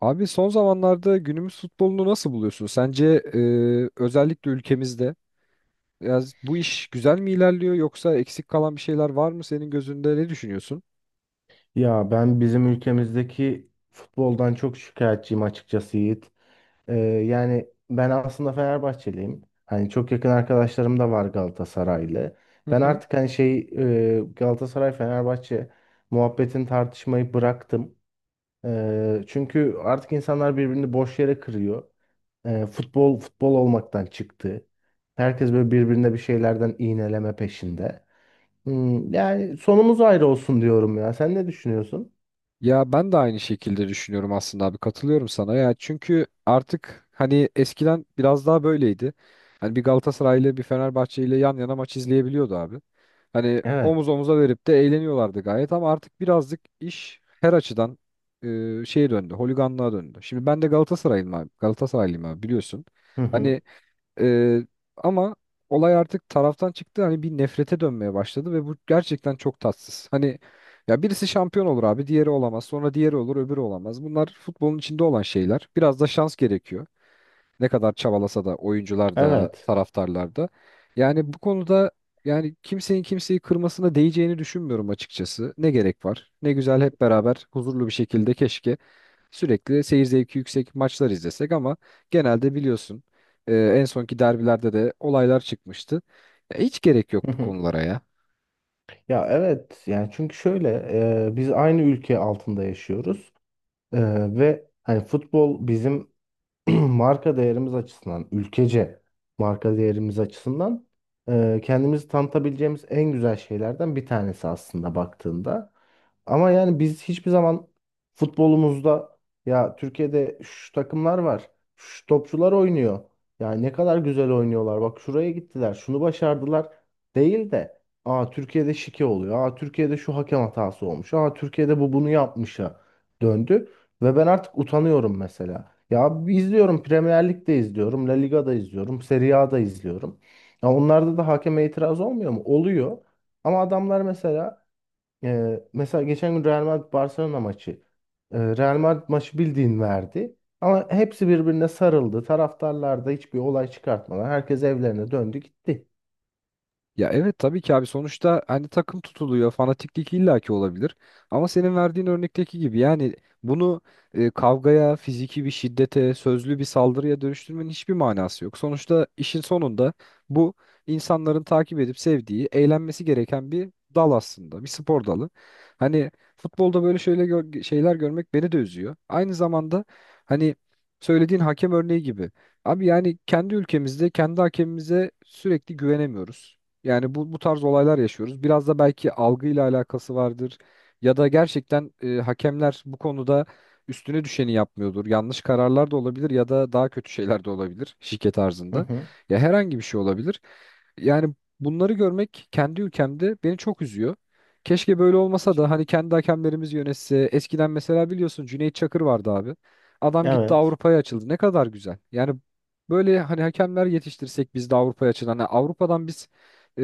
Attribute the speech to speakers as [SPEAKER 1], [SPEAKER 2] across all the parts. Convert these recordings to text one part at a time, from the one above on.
[SPEAKER 1] Abi son zamanlarda günümüz futbolunu nasıl buluyorsun? Sence özellikle ülkemizde biraz bu iş güzel mi ilerliyor yoksa eksik kalan bir şeyler var mı senin gözünde ne düşünüyorsun?
[SPEAKER 2] Ya ben bizim ülkemizdeki futboldan çok şikayetçiyim açıkçası Yiğit. Yani ben aslında Fenerbahçeliyim. Hani çok yakın arkadaşlarım da var Galatasaraylı. Ben artık Galatasaray Fenerbahçe muhabbetin tartışmayı bıraktım. Çünkü artık insanlar birbirini boş yere kırıyor. Futbol futbol olmaktan çıktı. Herkes böyle birbirine bir şeylerden iğneleme peşinde. Yani sonumuz ayrı olsun diyorum ya. Sen ne düşünüyorsun?
[SPEAKER 1] Ya ben de aynı şekilde düşünüyorum aslında abi, katılıyorum sana ya, çünkü artık hani eskiden biraz daha böyleydi. Hani bir Galatasaray ile bir Fenerbahçe ile yan yana maç izleyebiliyordu abi. Hani
[SPEAKER 2] Evet.
[SPEAKER 1] omuz omuza verip de eğleniyorlardı gayet, ama artık birazcık iş her açıdan şeye döndü, holiganlığa döndü. Şimdi ben de Galatasaraylıyım abi, Galatasaraylıyım abi, biliyorsun.
[SPEAKER 2] Hı hı.
[SPEAKER 1] Hani ee, ama olay artık taraftan çıktı, hani bir nefrete dönmeye başladı ve bu gerçekten çok tatsız. Hani ya birisi şampiyon olur abi, diğeri olamaz. Sonra diğeri olur, öbürü olamaz. Bunlar futbolun içinde olan şeyler. Biraz da şans gerekiyor. Ne kadar çabalasa da oyuncular da
[SPEAKER 2] Evet.
[SPEAKER 1] taraftarlar da. Yani bu konuda, yani kimsenin kimseyi kırmasına değeceğini düşünmüyorum açıkçası. Ne gerek var? Ne güzel hep beraber huzurlu bir şekilde, keşke sürekli seyir zevki yüksek maçlar izlesek, ama genelde biliyorsun en sonki derbilerde de olaylar çıkmıştı. Ya hiç gerek yok
[SPEAKER 2] Hı
[SPEAKER 1] bu
[SPEAKER 2] hı.
[SPEAKER 1] konulara ya.
[SPEAKER 2] Ya evet, yani çünkü şöyle, biz aynı ülke altında yaşıyoruz. E, Ve hani futbol bizim marka değerimiz açısından, ülkece marka değerimiz açısından kendimizi tanıtabileceğimiz en güzel şeylerden bir tanesi aslında baktığında. Ama yani biz hiçbir zaman futbolumuzda ya Türkiye'de şu takımlar var, şu topçular oynuyor. Ya ne kadar güzel oynuyorlar. Bak şuraya gittiler, şunu başardılar değil de aa Türkiye'de şike oluyor. Aa Türkiye'de şu hakem hatası olmuş. Aa Türkiye'de bu bunu yapmışa döndü ve ben artık utanıyorum mesela. Ya izliyorum, Premier Lig'de izliyorum, La Liga'da izliyorum, Serie A'da izliyorum. Ya onlarda da hakeme itiraz olmuyor mu? Oluyor. Ama adamlar mesela, mesela geçen gün Real Madrid Barcelona maçı, Real Madrid maçı bildiğin verdi. Ama hepsi birbirine sarıldı. Taraftarlar da hiçbir olay çıkartmadan herkes evlerine döndü gitti.
[SPEAKER 1] Ya evet, tabii ki abi, sonuçta hani takım tutuluyor, fanatiklik illaki olabilir, ama senin verdiğin örnekteki gibi yani bunu kavgaya, fiziki bir şiddete, sözlü bir saldırıya dönüştürmenin hiçbir manası yok. Sonuçta işin sonunda bu insanların takip edip sevdiği, eğlenmesi gereken bir dal aslında, bir spor dalı. Hani futbolda böyle şöyle şeyler görmek beni de üzüyor. Aynı zamanda hani söylediğin hakem örneği gibi. Abi yani kendi ülkemizde kendi hakemimize sürekli güvenemiyoruz. Yani bu tarz olaylar yaşıyoruz. Biraz da belki algıyla alakası vardır ya da gerçekten hakemler bu konuda üstüne düşeni yapmıyordur. Yanlış kararlar da olabilir ya da daha kötü şeyler de olabilir, şike
[SPEAKER 2] Hı
[SPEAKER 1] tarzında.
[SPEAKER 2] hı.
[SPEAKER 1] Ya herhangi bir şey olabilir. Yani bunları görmek kendi ülkemde beni çok üzüyor. Keşke böyle olmasa da hani kendi hakemlerimiz yönetse. Eskiden mesela biliyorsun, Cüneyt Çakır vardı abi. Adam gitti,
[SPEAKER 2] Evet.
[SPEAKER 1] Avrupa'ya açıldı. Ne kadar güzel. Yani böyle hani hakemler yetiştirsek biz de Avrupa'ya açılan. Hani Avrupa'dan biz e,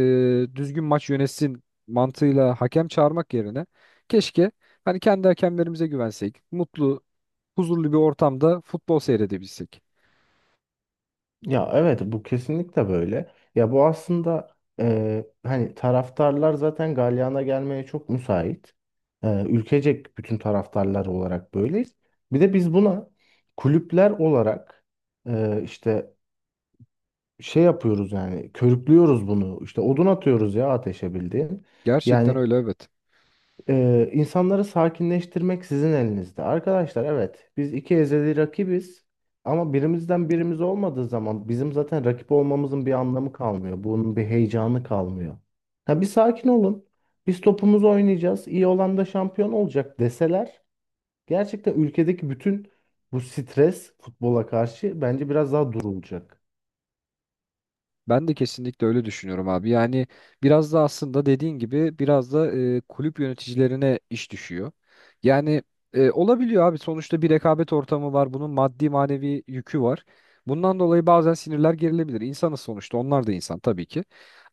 [SPEAKER 1] düzgün maç yönetsin mantığıyla hakem çağırmak yerine keşke hani kendi hakemlerimize güvensek, mutlu, huzurlu bir ortamda futbol seyredebilsek.
[SPEAKER 2] Ya evet, bu kesinlikle böyle. Ya bu aslında, hani taraftarlar zaten galyana gelmeye çok müsait. Ülkecek bütün taraftarlar olarak böyleyiz. Bir de biz buna kulüpler olarak, e, işte şey yapıyoruz, yani körüklüyoruz bunu. İşte odun atıyoruz ya ateşe bildiğin.
[SPEAKER 1] Gerçekten
[SPEAKER 2] Yani
[SPEAKER 1] öyle, evet.
[SPEAKER 2] ee, insanları sakinleştirmek sizin elinizde. Arkadaşlar, evet biz iki ezeli rakibiz ama birimizden birimiz olmadığı zaman bizim zaten rakip olmamızın bir anlamı kalmıyor. Bunun bir heyecanı kalmıyor. Ha bir sakin olun. Biz topumuzu oynayacağız, iyi olan da şampiyon olacak deseler gerçekten ülkedeki bütün bu stres futbola karşı bence biraz daha durulacak.
[SPEAKER 1] Ben de kesinlikle öyle düşünüyorum abi. Yani biraz da aslında dediğin gibi biraz da kulüp yöneticilerine iş düşüyor. Yani olabiliyor abi, sonuçta bir rekabet ortamı var. Bunun maddi manevi yükü var. Bundan dolayı bazen sinirler gerilebilir. İnsanız sonuçta, onlar da insan tabii ki.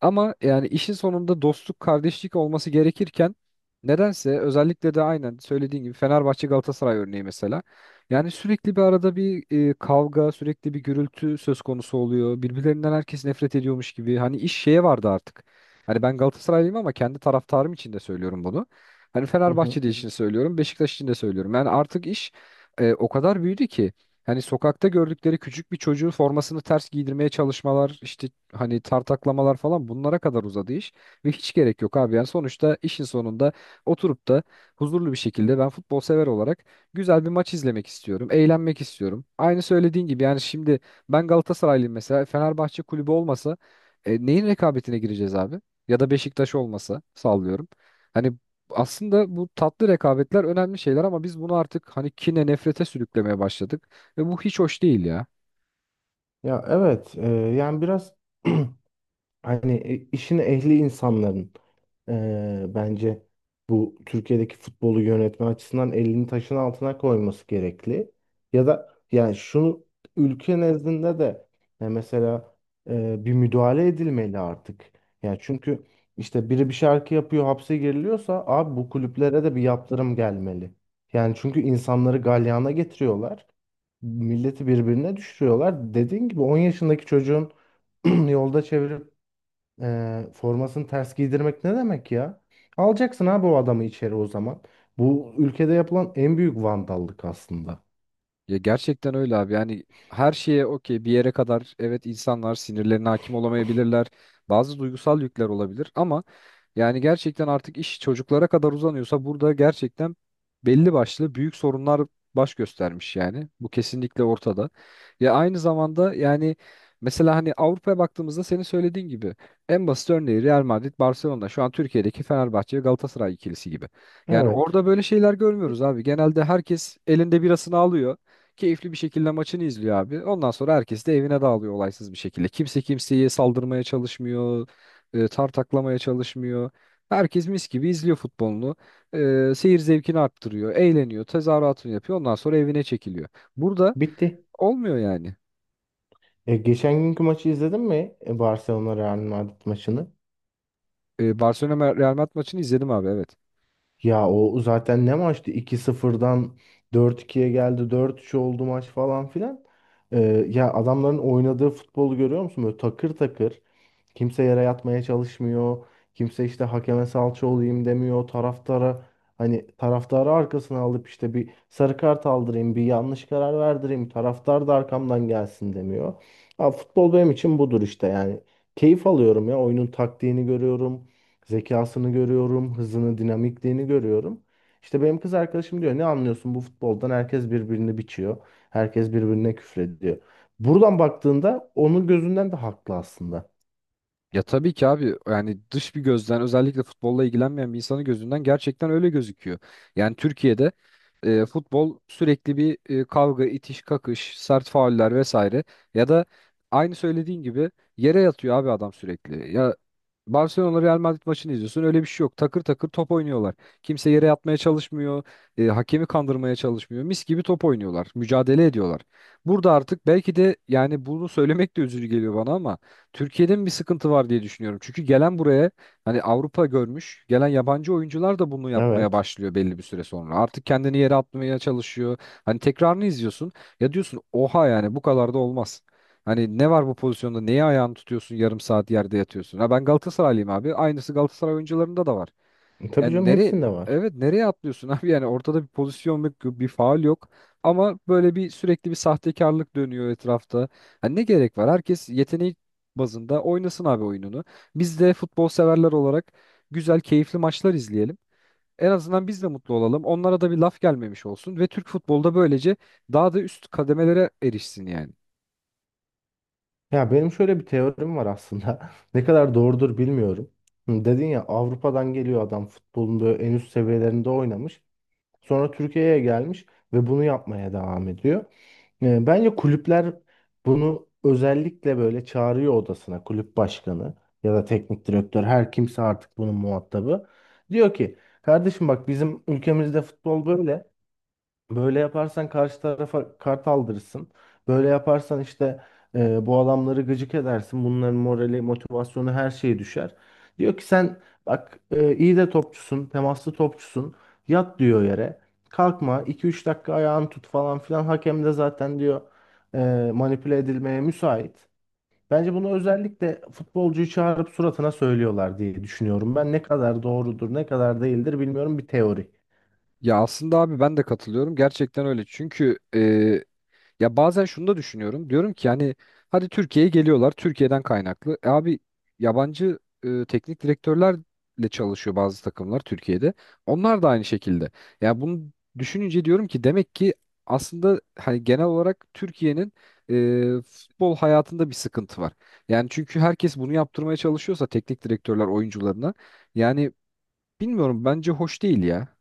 [SPEAKER 1] Ama yani işin sonunda dostluk, kardeşlik olması gerekirken nedense özellikle de aynen söylediğin gibi Fenerbahçe Galatasaray örneği mesela. Yani sürekli bir arada bir kavga, sürekli bir gürültü söz konusu oluyor. Birbirlerinden herkes nefret ediyormuş gibi. Hani iş şeye vardı artık. Hani ben Galatasaraylıyım ama kendi taraftarım için de söylüyorum bunu. Hani
[SPEAKER 2] Hı
[SPEAKER 1] Fenerbahçe
[SPEAKER 2] hı.
[SPEAKER 1] için söylüyorum, Beşiktaş için de söylüyorum. Yani artık iş o kadar büyüdü ki hani sokakta gördükleri küçük bir çocuğun formasını ters giydirmeye çalışmalar, işte hani tartaklamalar falan, bunlara kadar uzadı iş ve hiç gerek yok abi. Yani sonuçta işin sonunda oturup da huzurlu bir şekilde ben futbol sever olarak güzel bir maç izlemek istiyorum. Eğlenmek istiyorum. Aynı söylediğin gibi yani şimdi ben Galatasaraylıyım mesela. Fenerbahçe kulübü olmasa neyin rekabetine gireceğiz abi? Ya da Beşiktaş olmasa, sallıyorum. Hani aslında bu tatlı rekabetler önemli şeyler, ama biz bunu artık hani kine, nefrete sürüklemeye başladık. Ve bu hiç hoş değil ya.
[SPEAKER 2] Ya evet, yani biraz hani, işin ehli insanların, bence bu Türkiye'deki futbolu yönetme açısından elini taşın altına koyması gerekli. Ya da yani şunu, ülke nezdinde de, e, mesela bir müdahale edilmeli artık. Yani çünkü işte biri bir şarkı yapıyor hapse giriliyorsa abi bu kulüplere de bir yaptırım gelmeli. Yani çünkü insanları galyana getiriyorlar. Milleti birbirine düşürüyorlar. Dediğin gibi 10 yaşındaki çocuğun yolda çevirip formasını ters giydirmek ne demek ya? Alacaksın abi o adamı içeri o zaman. Bu ülkede yapılan en büyük vandallık aslında.
[SPEAKER 1] Ya gerçekten öyle abi, yani her şeye okey bir yere kadar, evet, insanlar sinirlerine hakim olamayabilirler. Bazı duygusal yükler olabilir ama yani gerçekten artık iş çocuklara kadar uzanıyorsa burada gerçekten belli başlı büyük sorunlar baş göstermiş yani. Bu kesinlikle ortada. Ya aynı zamanda yani mesela hani Avrupa'ya baktığımızda senin söylediğin gibi en basit örneği Real Madrid, Barcelona şu an Türkiye'deki Fenerbahçe ve Galatasaray ikilisi gibi. Yani
[SPEAKER 2] Evet.
[SPEAKER 1] orada böyle şeyler görmüyoruz abi. Genelde herkes elinde birasını alıyor. Keyifli bir şekilde maçını izliyor abi. Ondan sonra herkes de evine dağılıyor olaysız bir şekilde. Kimse kimseye saldırmaya çalışmıyor, tartaklamaya çalışmıyor. Herkes mis gibi izliyor futbolunu. E, seyir zevkini arttırıyor, eğleniyor, tezahüratını yapıyor. Ondan sonra evine çekiliyor. Burada
[SPEAKER 2] Bitti.
[SPEAKER 1] olmuyor yani.
[SPEAKER 2] Geçen günkü maçı izledin mi? Barcelona Real Madrid maçını.
[SPEAKER 1] E, Barcelona Real Madrid maçını izledim abi, evet.
[SPEAKER 2] Ya o zaten ne maçtı? 2 sıfırdan dört ikiye geldi. Dört üç oldu maç falan filan. E, Ya adamların oynadığı futbolu görüyor musun? Böyle takır takır. Kimse yere yatmaya çalışmıyor. Kimse işte hakeme salça olayım demiyor. Taraftara hani taraftarı arkasına alıp işte bir sarı kart aldırayım, bir yanlış karar verdireyim. Taraftar da arkamdan gelsin demiyor. Ha, futbol benim için budur işte yani. Keyif alıyorum ya. Oyunun taktiğini görüyorum. Zekasını görüyorum. Hızını, dinamikliğini görüyorum. İşte benim kız arkadaşım diyor ne anlıyorsun bu futboldan? Herkes birbirini biçiyor. Herkes birbirine küfrediyor. Buradan baktığında onun gözünden de haklı aslında.
[SPEAKER 1] Ya tabii ki abi, yani dış bir gözden, özellikle futbolla ilgilenmeyen bir insanın gözünden gerçekten öyle gözüküyor. Yani Türkiye'de futbol sürekli bir kavga, itiş, kakış, sert fauller vesaire, ya da aynı söylediğin gibi yere yatıyor abi adam sürekli. Ya Barcelona Real Madrid maçını izliyorsun, öyle bir şey yok. Takır takır top oynuyorlar. Kimse yere yatmaya çalışmıyor, hakemi kandırmaya çalışmıyor. Mis gibi top oynuyorlar, mücadele ediyorlar. Burada artık belki de, yani bunu söylemek de üzücü geliyor bana ama Türkiye'de mi bir sıkıntı var diye düşünüyorum. Çünkü gelen buraya, hani Avrupa görmüş, gelen yabancı oyuncular da bunu yapmaya
[SPEAKER 2] Evet.
[SPEAKER 1] başlıyor belli bir süre sonra. Artık kendini yere atmaya çalışıyor. Hani tekrarını izliyorsun. Ya diyorsun oha, yani bu kadar da olmaz. Hani ne var bu pozisyonda? Neye ayağını tutuyorsun? Yarım saat yerde yatıyorsun. Ha ben Galatasaraylıyım abi. Aynısı Galatasaray oyuncularında da var.
[SPEAKER 2] Tabii
[SPEAKER 1] Yani
[SPEAKER 2] canım,
[SPEAKER 1] nereye,
[SPEAKER 2] hepsinde var.
[SPEAKER 1] evet nereye atlıyorsun abi, yani ortada bir pozisyon yok, bir faul yok, ama böyle bir sürekli bir sahtekarlık dönüyor etrafta. Hani ne gerek var? Herkes yeteneği bazında oynasın abi oyununu. Biz de futbol severler olarak güzel keyifli maçlar izleyelim. En azından biz de mutlu olalım. Onlara da bir laf gelmemiş olsun ve Türk futbolda böylece daha da üst kademelere erişsin yani.
[SPEAKER 2] Ya benim şöyle bir teorim var aslında. Ne kadar doğrudur bilmiyorum. Hı, dedin ya Avrupa'dan geliyor adam futbolun böyle en üst seviyelerinde oynamış. Sonra Türkiye'ye gelmiş ve bunu yapmaya devam ediyor. Bence kulüpler bunu özellikle böyle çağırıyor odasına, kulüp başkanı ya da teknik direktör her kimse artık bunun muhatabı. Diyor ki kardeşim bak bizim ülkemizde futbol böyle. Böyle yaparsan karşı tarafa kart aldırırsın. Böyle yaparsan işte, bu adamları gıcık edersin. Bunların morali, motivasyonu her şeyi düşer. Diyor ki sen bak, iyi de topçusun, temaslı topçusun. Yat diyor yere. Kalkma 2 üç dakika ayağını tut falan filan. Hakem de zaten diyor, manipüle edilmeye müsait. Bence bunu özellikle futbolcuyu çağırıp suratına söylüyorlar diye düşünüyorum. Ben ne kadar doğrudur, ne kadar değildir bilmiyorum, bir teori.
[SPEAKER 1] Ya aslında abi ben de katılıyorum. Gerçekten öyle. Çünkü ya bazen şunu da düşünüyorum. Diyorum ki yani hadi Türkiye'ye geliyorlar. Türkiye'den kaynaklı. E abi yabancı teknik direktörlerle çalışıyor bazı takımlar Türkiye'de. Onlar da aynı şekilde. Ya bunu düşününce diyorum ki demek ki aslında hani genel olarak Türkiye'nin futbol hayatında bir sıkıntı var. Yani çünkü herkes bunu yaptırmaya çalışıyorsa teknik direktörler oyuncularına, yani bilmiyorum, bence hoş değil ya.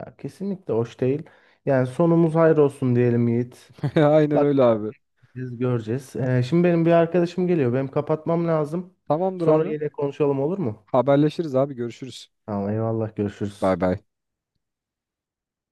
[SPEAKER 2] Ya kesinlikle hoş değil. Yani sonumuz hayır olsun diyelim Yiğit.
[SPEAKER 1] Aynen öyle abi.
[SPEAKER 2] Bakacağız, göreceğiz. Şimdi benim bir arkadaşım geliyor. Benim kapatmam lazım.
[SPEAKER 1] Tamamdır
[SPEAKER 2] Sonra
[SPEAKER 1] abi.
[SPEAKER 2] yine konuşalım, olur mu?
[SPEAKER 1] Haberleşiriz abi, görüşürüz.
[SPEAKER 2] Tamam, eyvallah.
[SPEAKER 1] Bay
[SPEAKER 2] Görüşürüz.
[SPEAKER 1] bay.